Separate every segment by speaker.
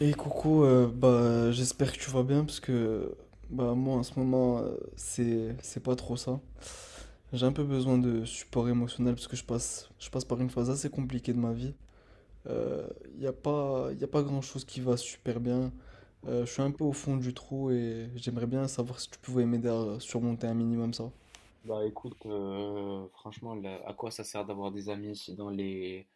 Speaker 1: Et coucou, bah j'espère que tu vas bien, parce que bah moi en ce moment, c'est pas trop ça. J'ai un peu besoin de support émotionnel parce que je passe par une phase assez compliquée de ma vie. Euh, y a pas grand-chose qui va super bien. Je suis un peu au fond du trou et j'aimerais bien savoir si tu pouvais m'aider à surmonter un minimum ça.
Speaker 2: Bah écoute, franchement, là, à quoi ça sert d'avoir des amis si dans les,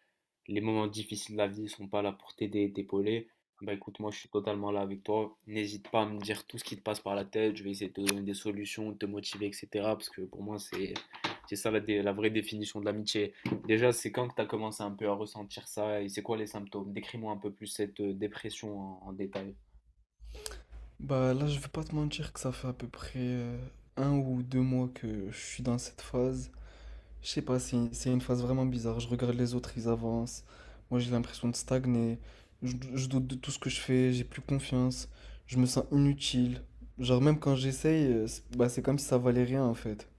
Speaker 2: les moments difficiles de la vie, ils sont pas là pour t'aider et t'épauler? Bah écoute, moi je suis totalement là avec toi. N'hésite pas à me dire tout ce qui te passe par la tête, je vais essayer de te donner des solutions, de te motiver, etc. Parce que pour moi, c'est ça la vraie définition de l'amitié. Déjà, c'est quand que tu as commencé un peu à ressentir ça et c'est quoi les symptômes? Décris-moi un peu plus cette dépression en détail.
Speaker 1: Bah là, je vais pas te mentir que ça fait à peu près, un ou deux mois que je suis dans cette phase. Je sais pas, c'est une phase vraiment bizarre. Je regarde les autres, ils avancent. Moi, j'ai l'impression de stagner. Je doute de tout ce que je fais, j'ai plus confiance. Je me sens inutile. Genre, même quand j'essaye, c'est bah, c'est comme si ça valait rien en fait.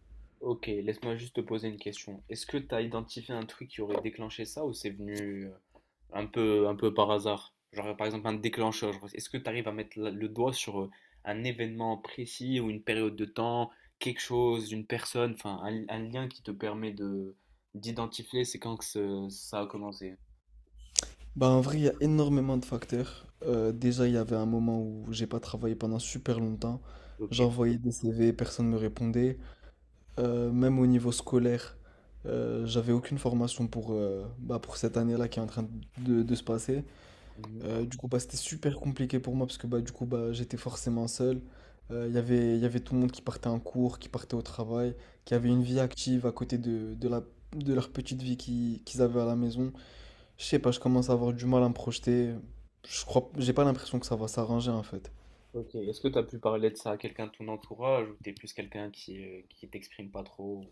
Speaker 2: Ok, laisse-moi juste te poser une question. Est-ce que tu as identifié un truc qui aurait déclenché ça ou c'est venu un peu par hasard? Genre par exemple un déclencheur. Genre, est-ce que tu arrives à mettre le doigt sur un événement précis ou une période de temps, quelque chose, une personne, enfin un lien qui te permet de d'identifier c'est quand que ça a commencé.
Speaker 1: Bah, en vrai, il y a énormément de facteurs. Déjà, il y avait un moment où j'ai pas travaillé pendant super longtemps.
Speaker 2: Ok.
Speaker 1: J'envoyais des CV, personne ne me répondait. Même au niveau scolaire, j'avais aucune formation pour, bah, pour cette année-là qui est en train de se passer.
Speaker 2: Mhm.
Speaker 1: Du coup, bah, c'était super compliqué pour moi parce que bah, du coup, bah, j'étais forcément seul. Il y avait tout le monde qui partait en cours, qui partait au travail, qui avait une vie active à côté de la, de leur petite vie qu'ils avaient à la maison. Je sais pas, je commence à avoir du mal à me projeter. Je crois, j'ai pas l'impression que ça va s'arranger en fait.
Speaker 2: Ok. Est-ce que tu as pu parler de ça à quelqu'un de ton entourage ou t'es plus quelqu'un qui t'exprime pas trop?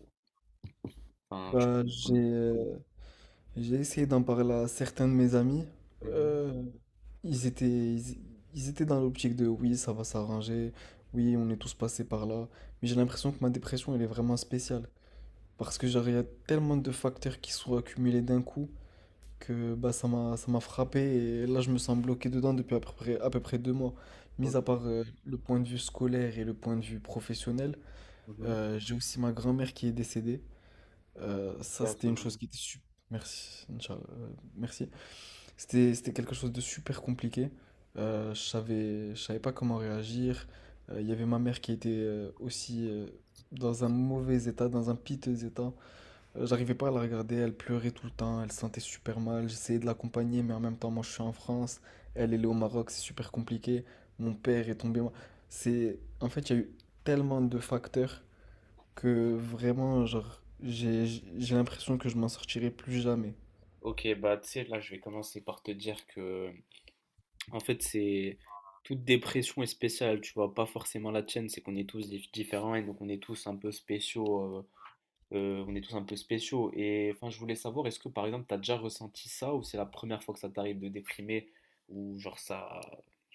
Speaker 2: Enfin, tu...
Speaker 1: Bah, j'ai essayé d'en parler à certains de mes amis.
Speaker 2: Mhm.
Speaker 1: Euh, Ils étaient, ils, ils étaient dans l'optique de oui, ça va s'arranger, oui, on est tous passés par là. Mais j'ai l'impression que ma dépression, elle est vraiment spéciale. Parce que genre, il y a tellement de facteurs qui sont accumulés d'un coup que bah, ça m'a frappé et là, je me sens bloqué dedans depuis à peu près deux mois. Mis à part
Speaker 2: Ok.
Speaker 1: le point de vue scolaire et le point de vue professionnel,
Speaker 2: Mhm.
Speaker 1: j'ai aussi ma grand-mère qui est décédée. Ça,
Speaker 2: À
Speaker 1: c'était
Speaker 2: son
Speaker 1: une chose
Speaker 2: âme.
Speaker 1: qui était super. Merci, Inch'Allah. Merci. C'était quelque chose de super compliqué. Je savais pas comment réagir. Il y avait ma mère qui était aussi dans un mauvais état, dans un piteux état. J'arrivais pas à la regarder, elle pleurait tout le temps, elle se sentait super mal. J'essayais de l'accompagner, mais en même temps, moi je suis en France, elle, elle est au Maroc, c'est super compliqué. Mon père est tombé mal. C'est, en fait, il y a eu tellement de facteurs que vraiment, genre, j'ai l'impression que je m'en sortirai plus jamais.
Speaker 2: Ok, bah tu sais, là je vais commencer par te dire que en fait c'est toute dépression est spéciale, tu vois, pas forcément la tienne, c'est qu'on est tous différents et donc on est tous un peu spéciaux, on est tous un peu spéciaux. Et enfin je voulais savoir, est-ce que par exemple t'as déjà ressenti ça ou c'est la première fois que ça t'arrive de déprimer ou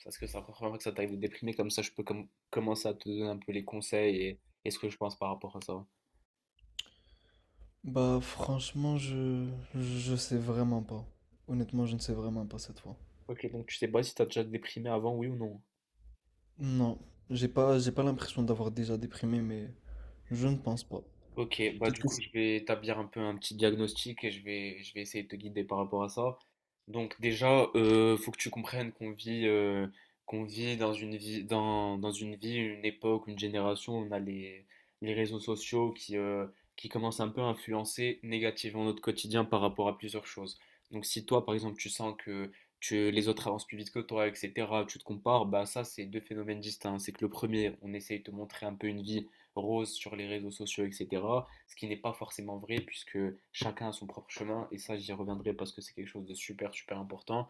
Speaker 2: est-ce que c'est la première fois que ça t'arrive de déprimer comme ça je peux commencer à te donner un peu les conseils et ce que je pense par rapport à ça.
Speaker 1: Bah franchement, je sais vraiment pas. Honnêtement, je ne sais vraiment pas cette fois.
Speaker 2: Ok, donc tu sais pas si t'as déjà déprimé avant, oui ou non?
Speaker 1: Non, j'ai pas l'impression d'avoir déjà déprimé, mais je ne pense pas.
Speaker 2: Ok, bah
Speaker 1: Peut-être
Speaker 2: du
Speaker 1: que
Speaker 2: coup
Speaker 1: c'est-
Speaker 2: je vais établir un peu un petit diagnostic et je vais essayer de te guider par rapport à ça. Donc déjà, faut que tu comprennes qu'on vit dans dans une vie, une époque, une génération, on a les réseaux sociaux qui commencent un peu à influencer négativement notre quotidien par rapport à plusieurs choses. Donc si toi par exemple tu sens que les autres avancent plus vite que toi, etc., tu te compares, bah ça c'est deux phénomènes distincts. C'est que le premier, on essaye de te montrer un peu une vie rose sur les réseaux sociaux, etc. Ce qui n'est pas forcément vrai puisque chacun a son propre chemin et ça j'y reviendrai parce que c'est quelque chose de super super important.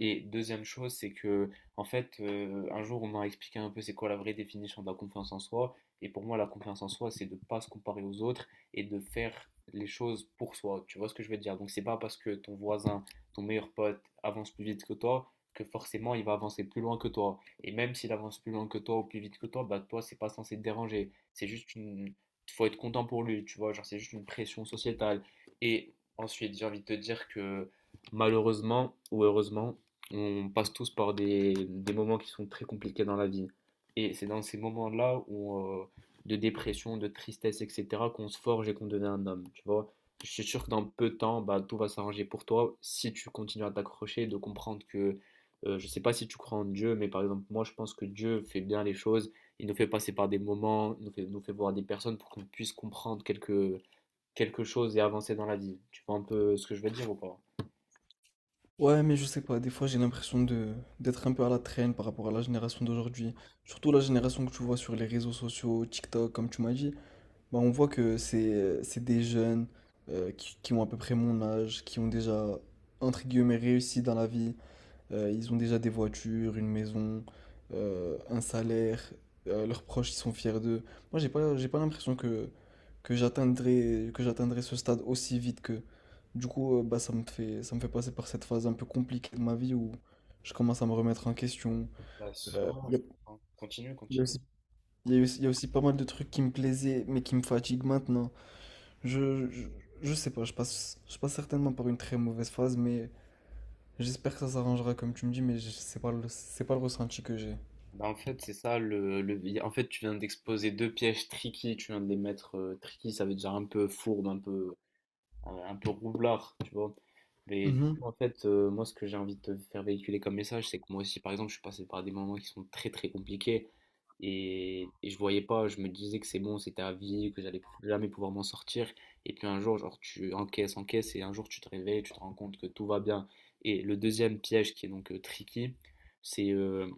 Speaker 2: Et deuxième chose, c'est que un jour on m'a expliqué un peu c'est quoi la vraie définition de la confiance en soi. Et pour moi, la confiance en soi, c'est de ne pas se comparer aux autres et de faire les choses pour soi. Tu vois ce que je veux dire. Donc c'est pas parce que ton voisin, ton meilleur pote avance plus vite que toi que forcément il va avancer plus loin que toi. Et même s'il avance plus loin que toi ou plus vite que toi, bah toi c'est pas censé te déranger. C'est juste une. Faut être content pour lui, tu vois. Genre, c'est juste une pression sociétale. Et ensuite, j'ai envie de te dire que malheureusement ou heureusement, on passe tous par des moments qui sont très compliqués dans la vie. Et c'est dans ces moments-là où, de dépression, de tristesse, etc., qu'on se forge et qu'on devient un homme, tu vois. Je suis sûr que dans peu de temps, bah, tout va s'arranger pour toi si tu continues à t'accrocher, de comprendre que, je sais pas si tu crois en Dieu, mais par exemple, moi, je pense que Dieu fait bien les choses. Il nous fait passer par des moments, nous fait voir des personnes pour qu'on puisse comprendre quelque chose et avancer dans la vie. Tu vois un peu ce que je veux dire ou pas?
Speaker 1: Ouais, mais je sais pas. Des fois, j'ai l'impression de d'être un peu à la traîne par rapport à la génération d'aujourd'hui. Surtout la génération que tu vois sur les réseaux sociaux, TikTok, comme tu m'as dit. Bah on voit que c'est des jeunes, qui ont à peu près mon âge, qui ont déjà entre guillemets réussi dans la vie. Ils ont déjà des voitures, une maison, un salaire. Euh, leurs proches, ils sont fiers d'eux. Moi, j'ai pas l'impression que, que j'atteindrai ce stade aussi vite que. Du coup, bah, ça me fait passer par cette phase un peu compliquée de ma vie où je commence à me remettre en question.
Speaker 2: Ouais,
Speaker 1: Euh,
Speaker 2: sûrement,
Speaker 1: Il y a,
Speaker 2: je comprends. Continue,
Speaker 1: il y a
Speaker 2: continue.
Speaker 1: aussi, il y a aussi- il y a aussi pas mal de trucs qui me plaisaient, mais qui me fatiguent maintenant. Je, je, je sais pas, je passe certainement par une très mauvaise phase, mais j'espère que ça s'arrangera comme tu me dis, c'est pas c'est pas le ressenti que j'ai.
Speaker 2: Bah, en fait, c'est ça, tu viens d'exposer deux pièges tricky, tu viens de les mettre tricky, ça veut dire un peu fourbe, un peu roublard, tu vois. Mais du
Speaker 1: Mhm.
Speaker 2: coup, moi, ce que j'ai envie de te faire véhiculer comme message, c'est que moi aussi, par exemple, je suis passé par des moments qui sont très, très compliqués et je voyais pas, je me disais que c'est bon, c'était à vie, que j'allais jamais pouvoir m'en sortir. Et puis un jour, genre, encaisses et un jour, tu te réveilles, tu te rends compte que tout va bien. Et le deuxième piège qui est donc tricky, c'est euh,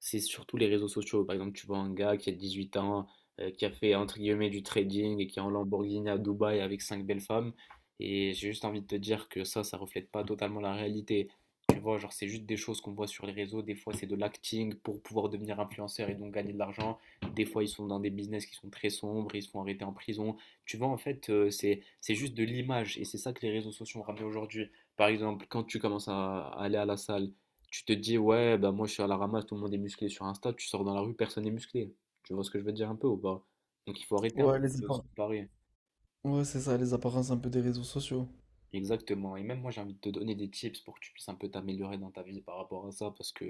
Speaker 2: c'est surtout les réseaux sociaux. Par exemple, tu vois un gars qui a 18 ans, qui a fait entre guillemets du trading et qui est en Lamborghini à Dubaï avec cinq belles femmes. Et j'ai juste envie de te dire que ça reflète pas totalement la réalité. Tu vois, genre, c'est juste des choses qu'on voit sur les réseaux. Des fois, c'est de l'acting pour pouvoir devenir influenceur et donc gagner de l'argent. Des fois, ils sont dans des business qui sont très sombres, ils se font arrêter en prison. Tu vois, c'est juste de l'image et c'est ça que les réseaux sociaux ont ramené aujourd'hui. Par exemple, quand tu commences à aller à la salle, tu te dis, ouais, bah moi, je suis à la ramasse, tout le monde est musclé sur Insta. Tu sors dans la rue, personne n'est musclé. Tu vois ce que je veux dire un peu ou pas? Donc, il faut arrêter un
Speaker 1: Ouais, les
Speaker 2: peu de se
Speaker 1: appar-
Speaker 2: comparer.
Speaker 1: ouais, c'est ça, les apparences un peu des réseaux sociaux.
Speaker 2: Exactement. Et même moi, j'ai envie de te donner des tips pour que tu puisses un peu t'améliorer dans ta vie par rapport à ça, parce que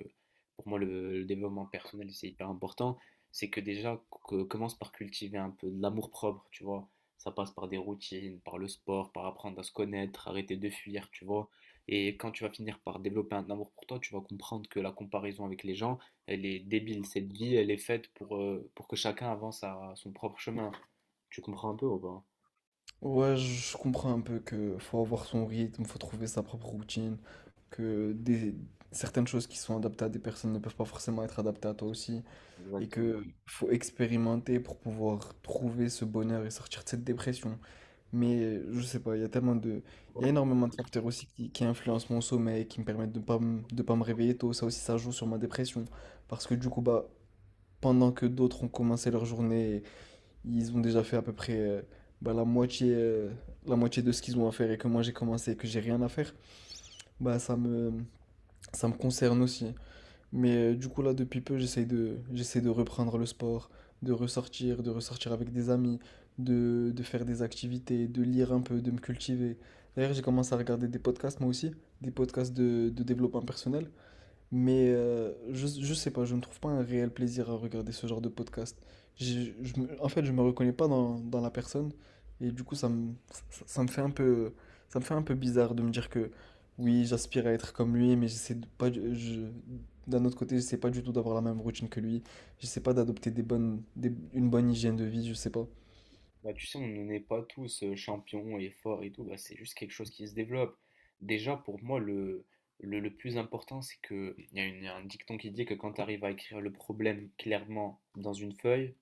Speaker 2: pour moi, le développement personnel, c'est hyper important. C'est que déjà, commence par cultiver un peu de l'amour-propre, tu vois. Ça passe par des routines, par le sport, par apprendre à se connaître, arrêter de fuir, tu vois. Et quand tu vas finir par développer un amour pour toi, tu vas comprendre que la comparaison avec les gens, elle est débile. Cette vie, elle est faite pour que chacun avance à son propre chemin. Tu comprends un peu ou pas?
Speaker 1: Ouais, je comprends un peu que faut avoir son rythme, faut trouver sa propre routine, que des... certaines choses qui sont adaptées à des personnes ne peuvent pas forcément être adaptées à toi aussi, et que
Speaker 2: Exactement.
Speaker 1: faut expérimenter pour pouvoir trouver ce bonheur et sortir de cette dépression. Mais je sais pas, il y a tellement de... Il y a énormément de facteurs aussi qui influencent mon sommeil, qui me permettent de pas de pas me réveiller tôt. Ça aussi, ça joue sur ma dépression. Parce que du coup, bah, pendant que d'autres ont commencé leur journée, ils ont déjà fait à peu près, bah, la moitié de ce qu'ils ont à faire et que moi j'ai commencé et que j'ai rien à faire, bah ça me concerne aussi. Mais du coup là depuis peu j'essaie de reprendre le sport, de ressortir avec des amis, de faire des activités, de lire un peu, de me cultiver. D'ailleurs j'ai commencé à regarder des podcasts moi aussi, des podcasts de développement personnel. Mais je sais pas, je ne trouve pas un réel plaisir à regarder ce genre de podcast. En fait, je me reconnais pas dans la personne et du coup, ça me fait un peu, ça me fait un peu bizarre de me dire que oui, j'aspire à être comme lui, mais j'essaie de pas, du- je, d'un autre côté, j'essaie pas du tout d'avoir la même routine que lui. J'essaie pas d'adopter des bonnes, des- une bonne hygiène de vie, je sais pas.
Speaker 2: Bah, tu sais, on n'est pas tous champions et forts et tout, bah, c'est juste quelque chose qui se développe. Déjà, pour moi, le plus important, c'est que il y a un dicton qui dit que quand tu arrives à écrire le problème clairement dans une feuille,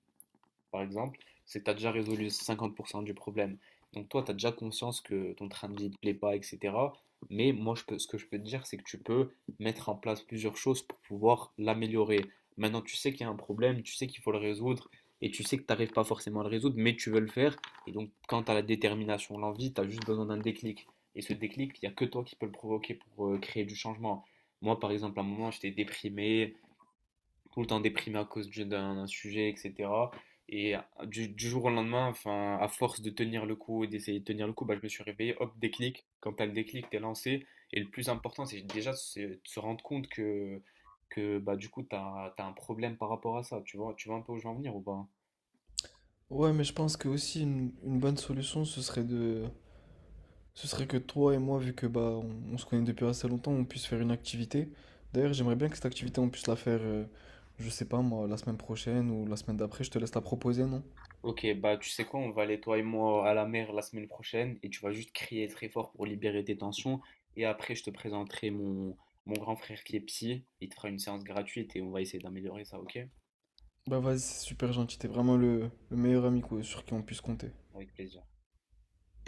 Speaker 2: par exemple, c'est que tu as déjà résolu 50% du problème. Donc toi, tu as déjà conscience que ton train de vie ne te plaît pas, etc. Mais moi, ce que je peux te dire, c'est que tu peux mettre en place plusieurs choses pour pouvoir l'améliorer. Maintenant, tu sais qu'il y a un problème, tu sais qu'il faut le résoudre, et tu sais que tu n'arrives pas forcément à le résoudre, mais tu veux le faire. Et donc, quand tu as la détermination, l'envie, tu as juste besoin d'un déclic. Et ce déclic, il n'y a que toi qui peux le provoquer pour créer du changement. Moi, par exemple, à un moment, j'étais déprimé, tout le temps déprimé à cause d'un sujet, etc. Et du jour au lendemain, enfin, à force de tenir le coup et d'essayer de tenir le coup, bah, je me suis réveillé, hop, déclic. Quand t'as le déclic, t'es lancé. Et le plus important, c'est déjà c'est de se rendre compte que bah, du coup, t'as un problème par rapport à ça. Tu vois un peu où je veux en venir ou pas?
Speaker 1: Ouais, mais je pense que aussi une bonne solution, ce serait que toi et moi, vu que bah on se connaît depuis assez longtemps, on puisse faire une activité. D'ailleurs, j'aimerais bien que cette activité, on puisse la faire, je sais pas moi, la semaine prochaine ou la semaine d'après. Je te laisse la proposer, non?
Speaker 2: Ok, bah tu sais quoi, on va aller toi et moi à la mer la semaine prochaine et tu vas juste crier très fort pour libérer tes tensions. Et après, je te présenterai mon, mon grand frère qui est psy. Il te fera une séance gratuite et on va essayer d'améliorer ça, ok?
Speaker 1: Bah vas-y, c'est super gentil. T'es vraiment le meilleur ami quoi, sur qui on puisse compter.
Speaker 2: Avec plaisir.